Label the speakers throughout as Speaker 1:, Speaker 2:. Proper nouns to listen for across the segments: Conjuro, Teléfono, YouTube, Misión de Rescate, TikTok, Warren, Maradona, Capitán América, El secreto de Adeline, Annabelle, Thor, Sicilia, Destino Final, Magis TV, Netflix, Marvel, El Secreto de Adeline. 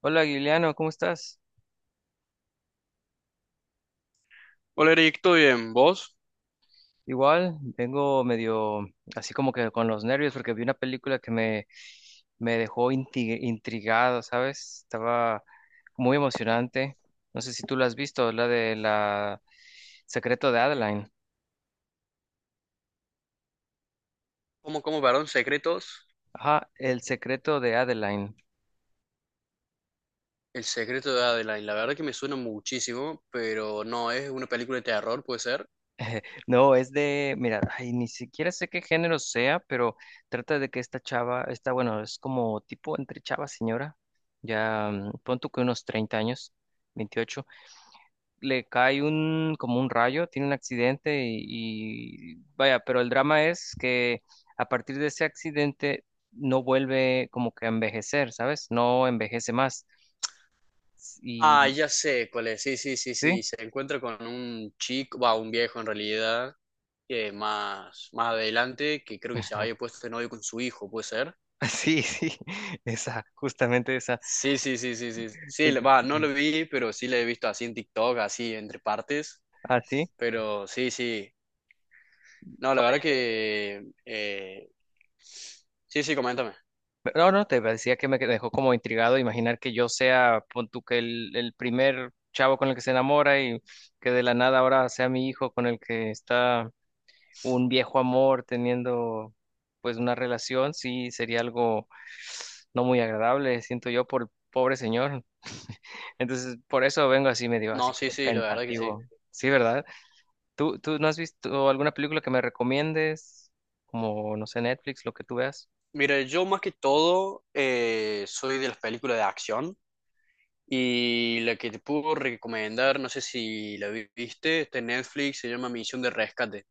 Speaker 1: Hola, Guiliano, ¿cómo estás?
Speaker 2: Hola Eric, ¿todo bien? ¿Vos?
Speaker 1: Igual, vengo medio así como que con los nervios porque vi una película que me dejó intrigado, ¿sabes? Estaba muy emocionante. No sé si tú la has visto, la de la Secreto de Adeline.
Speaker 2: ¿Cómo, perdón, secretos?
Speaker 1: Ajá, El Secreto de Adeline.
Speaker 2: El secreto de Adeline, la verdad que me suena muchísimo, pero no, es una película de terror, ¿puede ser?
Speaker 1: No, es de, mira, ay, ni siquiera sé qué género sea, pero trata de que esta chava, esta, bueno, es como tipo entre chava señora, ya pon tú que unos 30 años, 28. Le cae un, como un rayo, tiene un accidente y vaya, pero el drama es que a partir de ese accidente no vuelve como que a envejecer, ¿sabes? No envejece más.
Speaker 2: Ah,
Speaker 1: Y
Speaker 2: ya sé cuál es, sí, sí, sí,
Speaker 1: sí,
Speaker 2: sí, se encuentra con un chico, va, un viejo en realidad, que más, adelante, que creo que se había puesto de novio con su hijo, ¿puede ser?
Speaker 1: sí, esa, justamente esa.
Speaker 2: Sí, sí, sí, sí, sí, sí, va, no lo vi, pero sí la he visto así en TikTok, así entre partes,
Speaker 1: Así.
Speaker 2: pero sí, sí, no, la verdad
Speaker 1: Oye,
Speaker 2: que, sí, sí, coméntame.
Speaker 1: no, te decía que me dejó como intrigado imaginar que yo sea, pon tú que el primer chavo con el que se enamora y que de la nada ahora sea mi hijo con el que está un viejo amor teniendo pues una relación, sí sería algo no muy agradable, siento yo, por el pobre señor. Entonces, por eso vengo así medio así
Speaker 2: No, sí,
Speaker 1: como
Speaker 2: sí, la verdad que sí.
Speaker 1: pensativo. Sí, ¿verdad? ¿Tú no has visto alguna película que me recomiendes? Como, no sé, Netflix, lo que tú veas.
Speaker 2: Mira, yo más que todo soy de las películas de acción y la que te puedo recomendar, no sé si la viste, está en Netflix, se llama Misión de Rescate.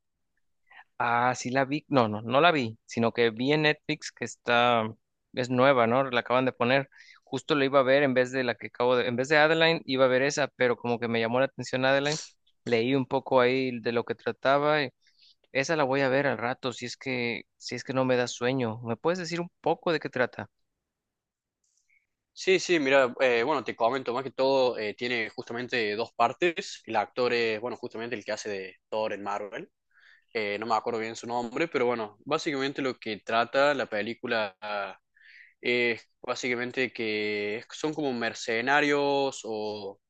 Speaker 1: Ah, sí la vi. No, no la vi, sino que vi en Netflix que está, es nueva, ¿no? La acaban de poner. Justo la iba a ver en vez de la que acabo de, en vez de Adeline, iba a ver esa, pero como que me llamó la atención Adeline. Leí un poco ahí de lo que trataba. Y esa la voy a ver al rato, si es que, si es que no me da sueño. ¿Me puedes decir un poco de qué trata?
Speaker 2: Sí, sí, mira, bueno, te comento, más que todo tiene justamente dos partes. El actor es, bueno, justamente el que hace de Thor en Marvel. No me acuerdo bien su nombre, pero bueno, básicamente lo que trata la película es básicamente que son como mercenarios o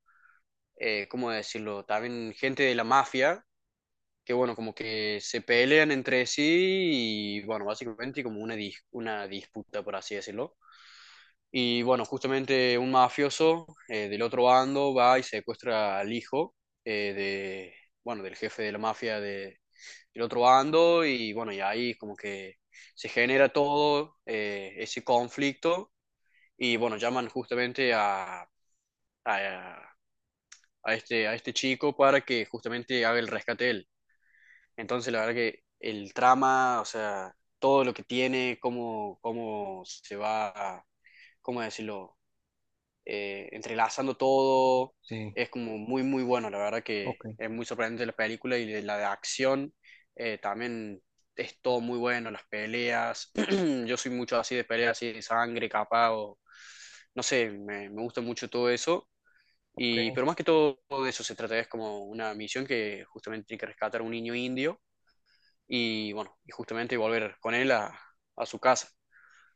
Speaker 2: ¿cómo decirlo? También gente de la mafia, que bueno, como que se pelean entre sí y bueno, básicamente como una, una disputa, por así decirlo. Y bueno, justamente un mafioso del otro bando va y secuestra al hijo eh, de, bueno, del jefe de la mafia del otro bando y bueno, y ahí como que se genera todo ese conflicto y bueno, llaman justamente a, a este chico para que justamente haga el rescate de él. Entonces, la verdad que el trama, o sea, todo lo que tiene, cómo, se va, cómo decirlo, entrelazando todo,
Speaker 1: Sí,
Speaker 2: es como muy, muy bueno. La verdad que
Speaker 1: ok,
Speaker 2: es muy sorprendente la película y de la de acción también es todo muy bueno, las peleas. Yo soy mucho así de peleas, así de sangre, capa, o no sé, me gusta mucho todo eso. Y,
Speaker 1: ok.
Speaker 2: pero más que todo de eso se trata, es como una misión que justamente tiene que rescatar a un niño indio y bueno, y justamente volver con él a su casa.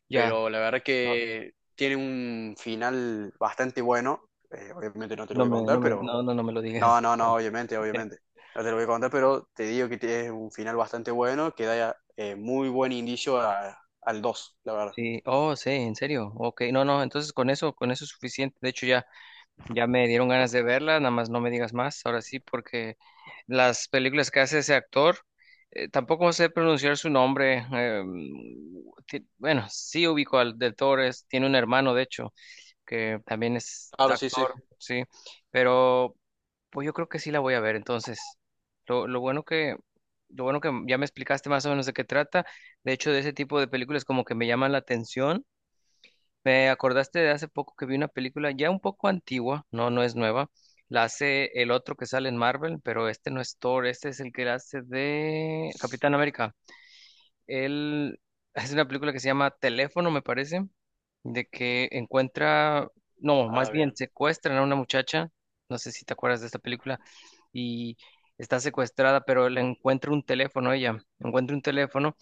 Speaker 1: Ya,
Speaker 2: Pero la verdad
Speaker 1: no,
Speaker 2: que tiene un final bastante bueno, obviamente no te lo
Speaker 1: no
Speaker 2: voy a
Speaker 1: me, no
Speaker 2: contar,
Speaker 1: me,
Speaker 2: pero
Speaker 1: no, no me lo digas.
Speaker 2: no, no, no, obviamente, obviamente. No te lo voy a contar, pero te digo que tiene un final bastante bueno que da muy buen indicio al 2 la verdad.
Speaker 1: Sí, oh, sí, en serio. Ok, no, no, entonces con eso es suficiente. De hecho, ya. Ya me dieron ganas de verla, nada más no me digas más, ahora sí, porque las películas que hace ese actor, tampoco sé pronunciar su nombre. Bueno, sí ubico al del Torres, tiene un hermano, de hecho, que también es
Speaker 2: Claro, sí, sí.
Speaker 1: actor, sí, pero pues yo creo que sí la voy a ver, entonces, lo bueno que... Lo bueno que ya me explicaste más o menos de qué trata. De hecho, de ese tipo de películas como que me llaman la atención. Me acordaste de hace poco que vi una película ya un poco antigua, no, no es nueva. La hace el otro que sale en Marvel, pero este no es Thor, este es el que la hace de Capitán América. Él es una película que se llama Teléfono, me parece, de que encuentra, no,
Speaker 2: Ah,
Speaker 1: más bien
Speaker 2: bien.
Speaker 1: secuestran a una muchacha, no sé si te acuerdas de esta película, y está secuestrada, pero le encuentra un teléfono ella, encuentra un teléfono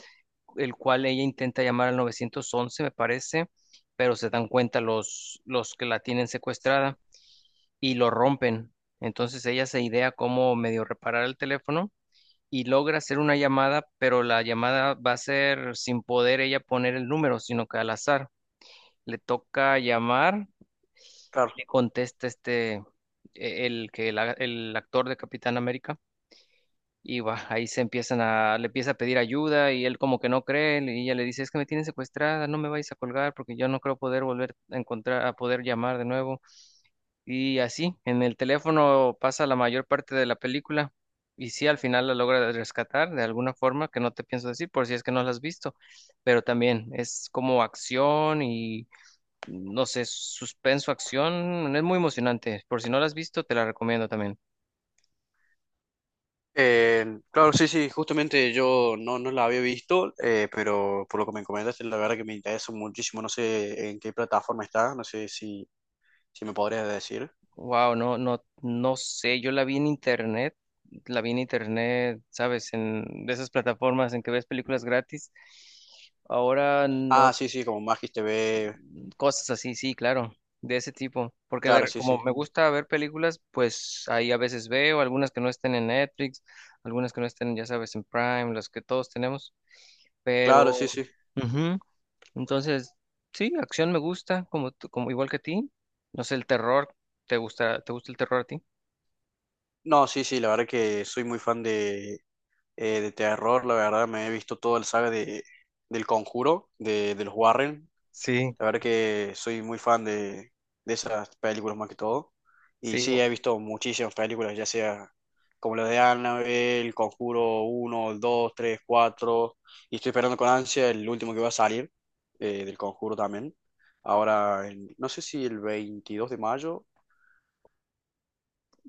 Speaker 1: el cual ella intenta llamar al 911, me parece, pero se dan cuenta los que la tienen secuestrada y lo rompen. Entonces ella se idea cómo medio reparar el teléfono y logra hacer una llamada, pero la llamada va a ser sin poder ella poner el número, sino que al azar. Le toca llamar y
Speaker 2: Claro.
Speaker 1: le contesta este, el actor de Capitán América. Y va, ahí se empiezan a, le empieza a pedir ayuda y él como que no cree y ella le dice, es que me tienen secuestrada, no me vais a colgar porque yo no creo poder volver a encontrar, a poder llamar de nuevo. Y así, en el teléfono pasa la mayor parte de la película y sí, al final la logra rescatar de alguna forma que no te pienso decir por si es que no la has visto, pero también es como acción y no sé, suspenso, acción, es muy emocionante. Por si no la has visto, te la recomiendo también.
Speaker 2: Claro, sí, sí, justamente yo no, no la había visto, pero por lo que me comentas, la verdad que me interesa muchísimo, no sé en qué plataforma está, no sé si, si me podrías decir.
Speaker 1: Wow, no, no, no sé, yo la vi en internet, la vi en internet, sabes, en de esas plataformas en que ves películas gratis. Ahora
Speaker 2: Ah,
Speaker 1: no,
Speaker 2: sí, sí, como Magis TV,
Speaker 1: cosas así, sí, claro, de ese tipo, porque
Speaker 2: claro, sí,
Speaker 1: como
Speaker 2: sí,
Speaker 1: me gusta ver películas, pues ahí a veces veo algunas que no estén en Netflix, algunas que no estén, ya sabes, en Prime, las que todos tenemos, pero,
Speaker 2: claro, sí, sí.
Speaker 1: ujú, entonces, sí, acción me gusta, como, como igual que a ti, no sé, el terror, ¿te gusta el terror a ti?
Speaker 2: No, sí, sí, la verdad que soy muy fan de terror, la verdad me he visto toda la saga de, del Conjuro, de los Warren.
Speaker 1: Sí,
Speaker 2: La verdad que soy muy fan de esas películas más que todo. Y
Speaker 1: sí,
Speaker 2: sí, he visto muchísimas películas, ya sea como las de Annabelle, Conjuro uno, 2, 3, cuatro. Y estoy esperando con ansia el último que va a salir del Conjuro también. Ahora, no sé si el 22 de mayo,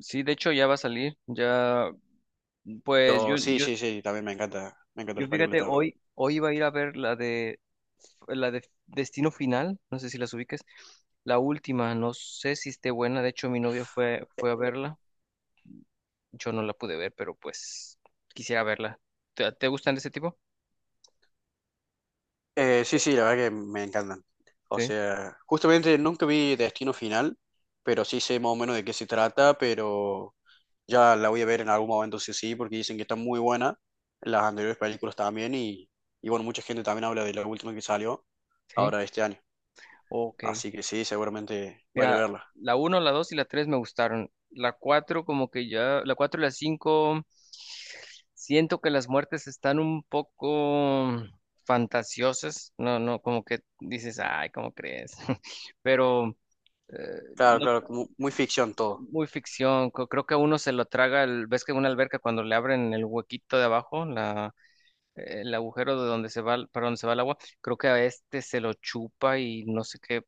Speaker 1: sí, de hecho ya va a salir, ya, pues yo,
Speaker 2: pero sí,
Speaker 1: yo,
Speaker 2: sí, sí, también me encanta, me encantan
Speaker 1: yo
Speaker 2: las películas
Speaker 1: fíjate,
Speaker 2: de terror.
Speaker 1: hoy iba a ir a ver la de Destino Final, no sé si las ubiques, la última, no sé si esté buena, de hecho mi novia fue a verla, yo no la pude ver, pero pues quisiera verla. ¿Te gustan de ese tipo?
Speaker 2: Sí, sí, la verdad que me encantan. O
Speaker 1: Sí,
Speaker 2: sea, justamente nunca vi Destino Final, pero sí sé más o menos de qué se trata, pero ya la voy a ver en algún momento sí sí, porque dicen que está muy buena, las anteriores películas también, y bueno, mucha gente también habla de la última que salió
Speaker 1: sí,
Speaker 2: ahora este año,
Speaker 1: ok.
Speaker 2: así que sí, seguramente
Speaker 1: Mira,
Speaker 2: vaya a verla.
Speaker 1: la uno la 2 y la 3 me gustaron. La 4 como que ya, la 4 y la 5 siento que las muertes están un poco fantasiosas. No, no, como que dices, ay, ¿cómo crees? Pero
Speaker 2: Claro,
Speaker 1: no,
Speaker 2: claro, como muy ficción todo.
Speaker 1: muy ficción. Creo que a uno se lo traga, ves que en una alberca cuando le abren el huequito de abajo, la, el agujero de donde se va, para donde se va el agua, creo que a este se lo chupa y no sé qué,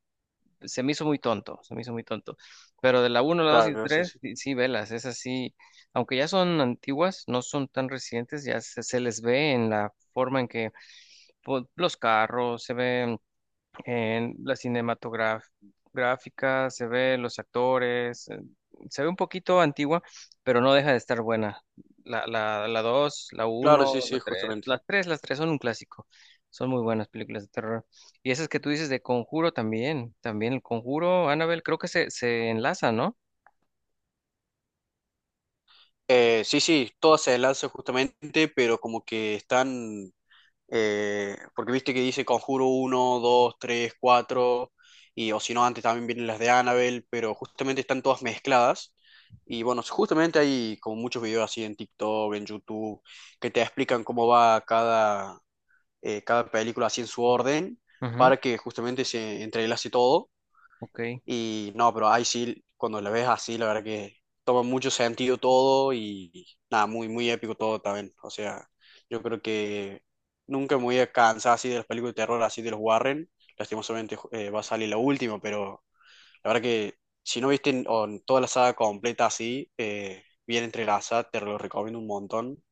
Speaker 1: se me hizo muy tonto, se me hizo muy tonto. Pero de la uno la 2
Speaker 2: Claro,
Speaker 1: y
Speaker 2: claro, sí,
Speaker 1: 3,
Speaker 2: sí.
Speaker 1: sí, sí, velas, esas sí, aunque ya son antiguas, no son tan recientes, ya se les ve en la forma en que pues, los carros, se ve en la cinematográfica se ve los actores, se ve un poquito antigua, pero no deja de estar buena. La 2 la
Speaker 2: Claro,
Speaker 1: uno
Speaker 2: sí,
Speaker 1: la
Speaker 2: sí,
Speaker 1: 3,
Speaker 2: justamente.
Speaker 1: las tres son un clásico. Son muy buenas películas de terror. Y esas que tú dices de Conjuro también, también el Conjuro, Annabelle, creo que se enlaza, ¿no?
Speaker 2: Sí, sí, todas se enlazan justamente, pero como que están. Porque viste que dice Conjuro uno, dos, tres, 4 y o si no, antes también vienen las de Annabelle, pero justamente están todas mezcladas. Y bueno, justamente hay como muchos videos así en TikTok, en YouTube, que te explican cómo va cada, cada película así en su orden,
Speaker 1: Ujú.
Speaker 2: para que justamente se entrelace todo.
Speaker 1: Ok,
Speaker 2: Y no, pero ahí sí, cuando la ves así, la verdad que toma mucho sentido todo y nada, muy, muy épico todo también. O sea, yo creo que nunca me voy a cansar así de las películas de terror, así de los Warren. Lastimosamente va a salir la última, pero la verdad que si no viste en- o en toda la saga completa así, bien entrelazada, te lo recomiendo un montón.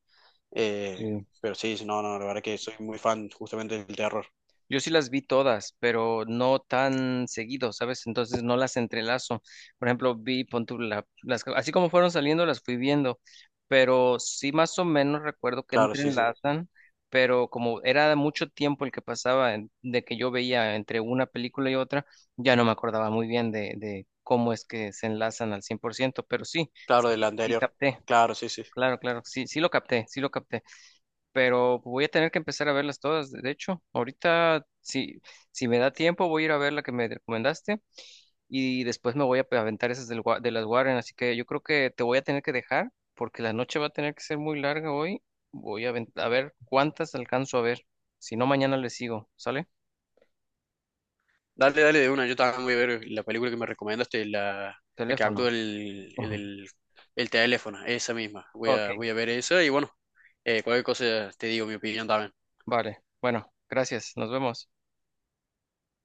Speaker 2: Eh,
Speaker 1: sí.
Speaker 2: pero sí, sí, no, no, la verdad que soy muy fan justamente del terror.
Speaker 1: Yo sí las vi todas, pero no tan seguido, ¿sabes? Entonces no las entrelazo. Por ejemplo, vi, pon tú, las, así como fueron saliendo, las fui viendo, pero sí más o menos recuerdo que
Speaker 2: Claro, sí, sí.
Speaker 1: entrelazan, pero como era mucho tiempo el que pasaba de que yo veía entre una película y otra, ya no me acordaba muy bien de cómo es que se enlazan al 100 por ciento, pero sí,
Speaker 2: Claro,
Speaker 1: sí,
Speaker 2: del
Speaker 1: sí
Speaker 2: anterior.
Speaker 1: capté,
Speaker 2: Claro, sí, sí.
Speaker 1: claro, claro, sí, sí lo capté, pero voy a tener que empezar a verlas todas. De hecho, ahorita, si, si me da tiempo, voy a ir a ver la que me recomendaste y después me voy a aventar esas del de las Warren. Así que yo creo que te voy a tener que dejar porque la noche va a tener que ser muy larga hoy. Voy a, a ver cuántas alcanzo a ver. Si no, mañana le sigo. ¿Sale?
Speaker 2: Dale, dale de una. Yo también voy a ver la película que me recomendaste, la que actúa
Speaker 1: Teléfono. Ujú.
Speaker 2: el teléfono, esa misma. Voy
Speaker 1: Ok.
Speaker 2: a, voy a ver esa y bueno, cualquier cosa te digo mi opinión también.
Speaker 1: Vale. Bueno, gracias. Nos vemos.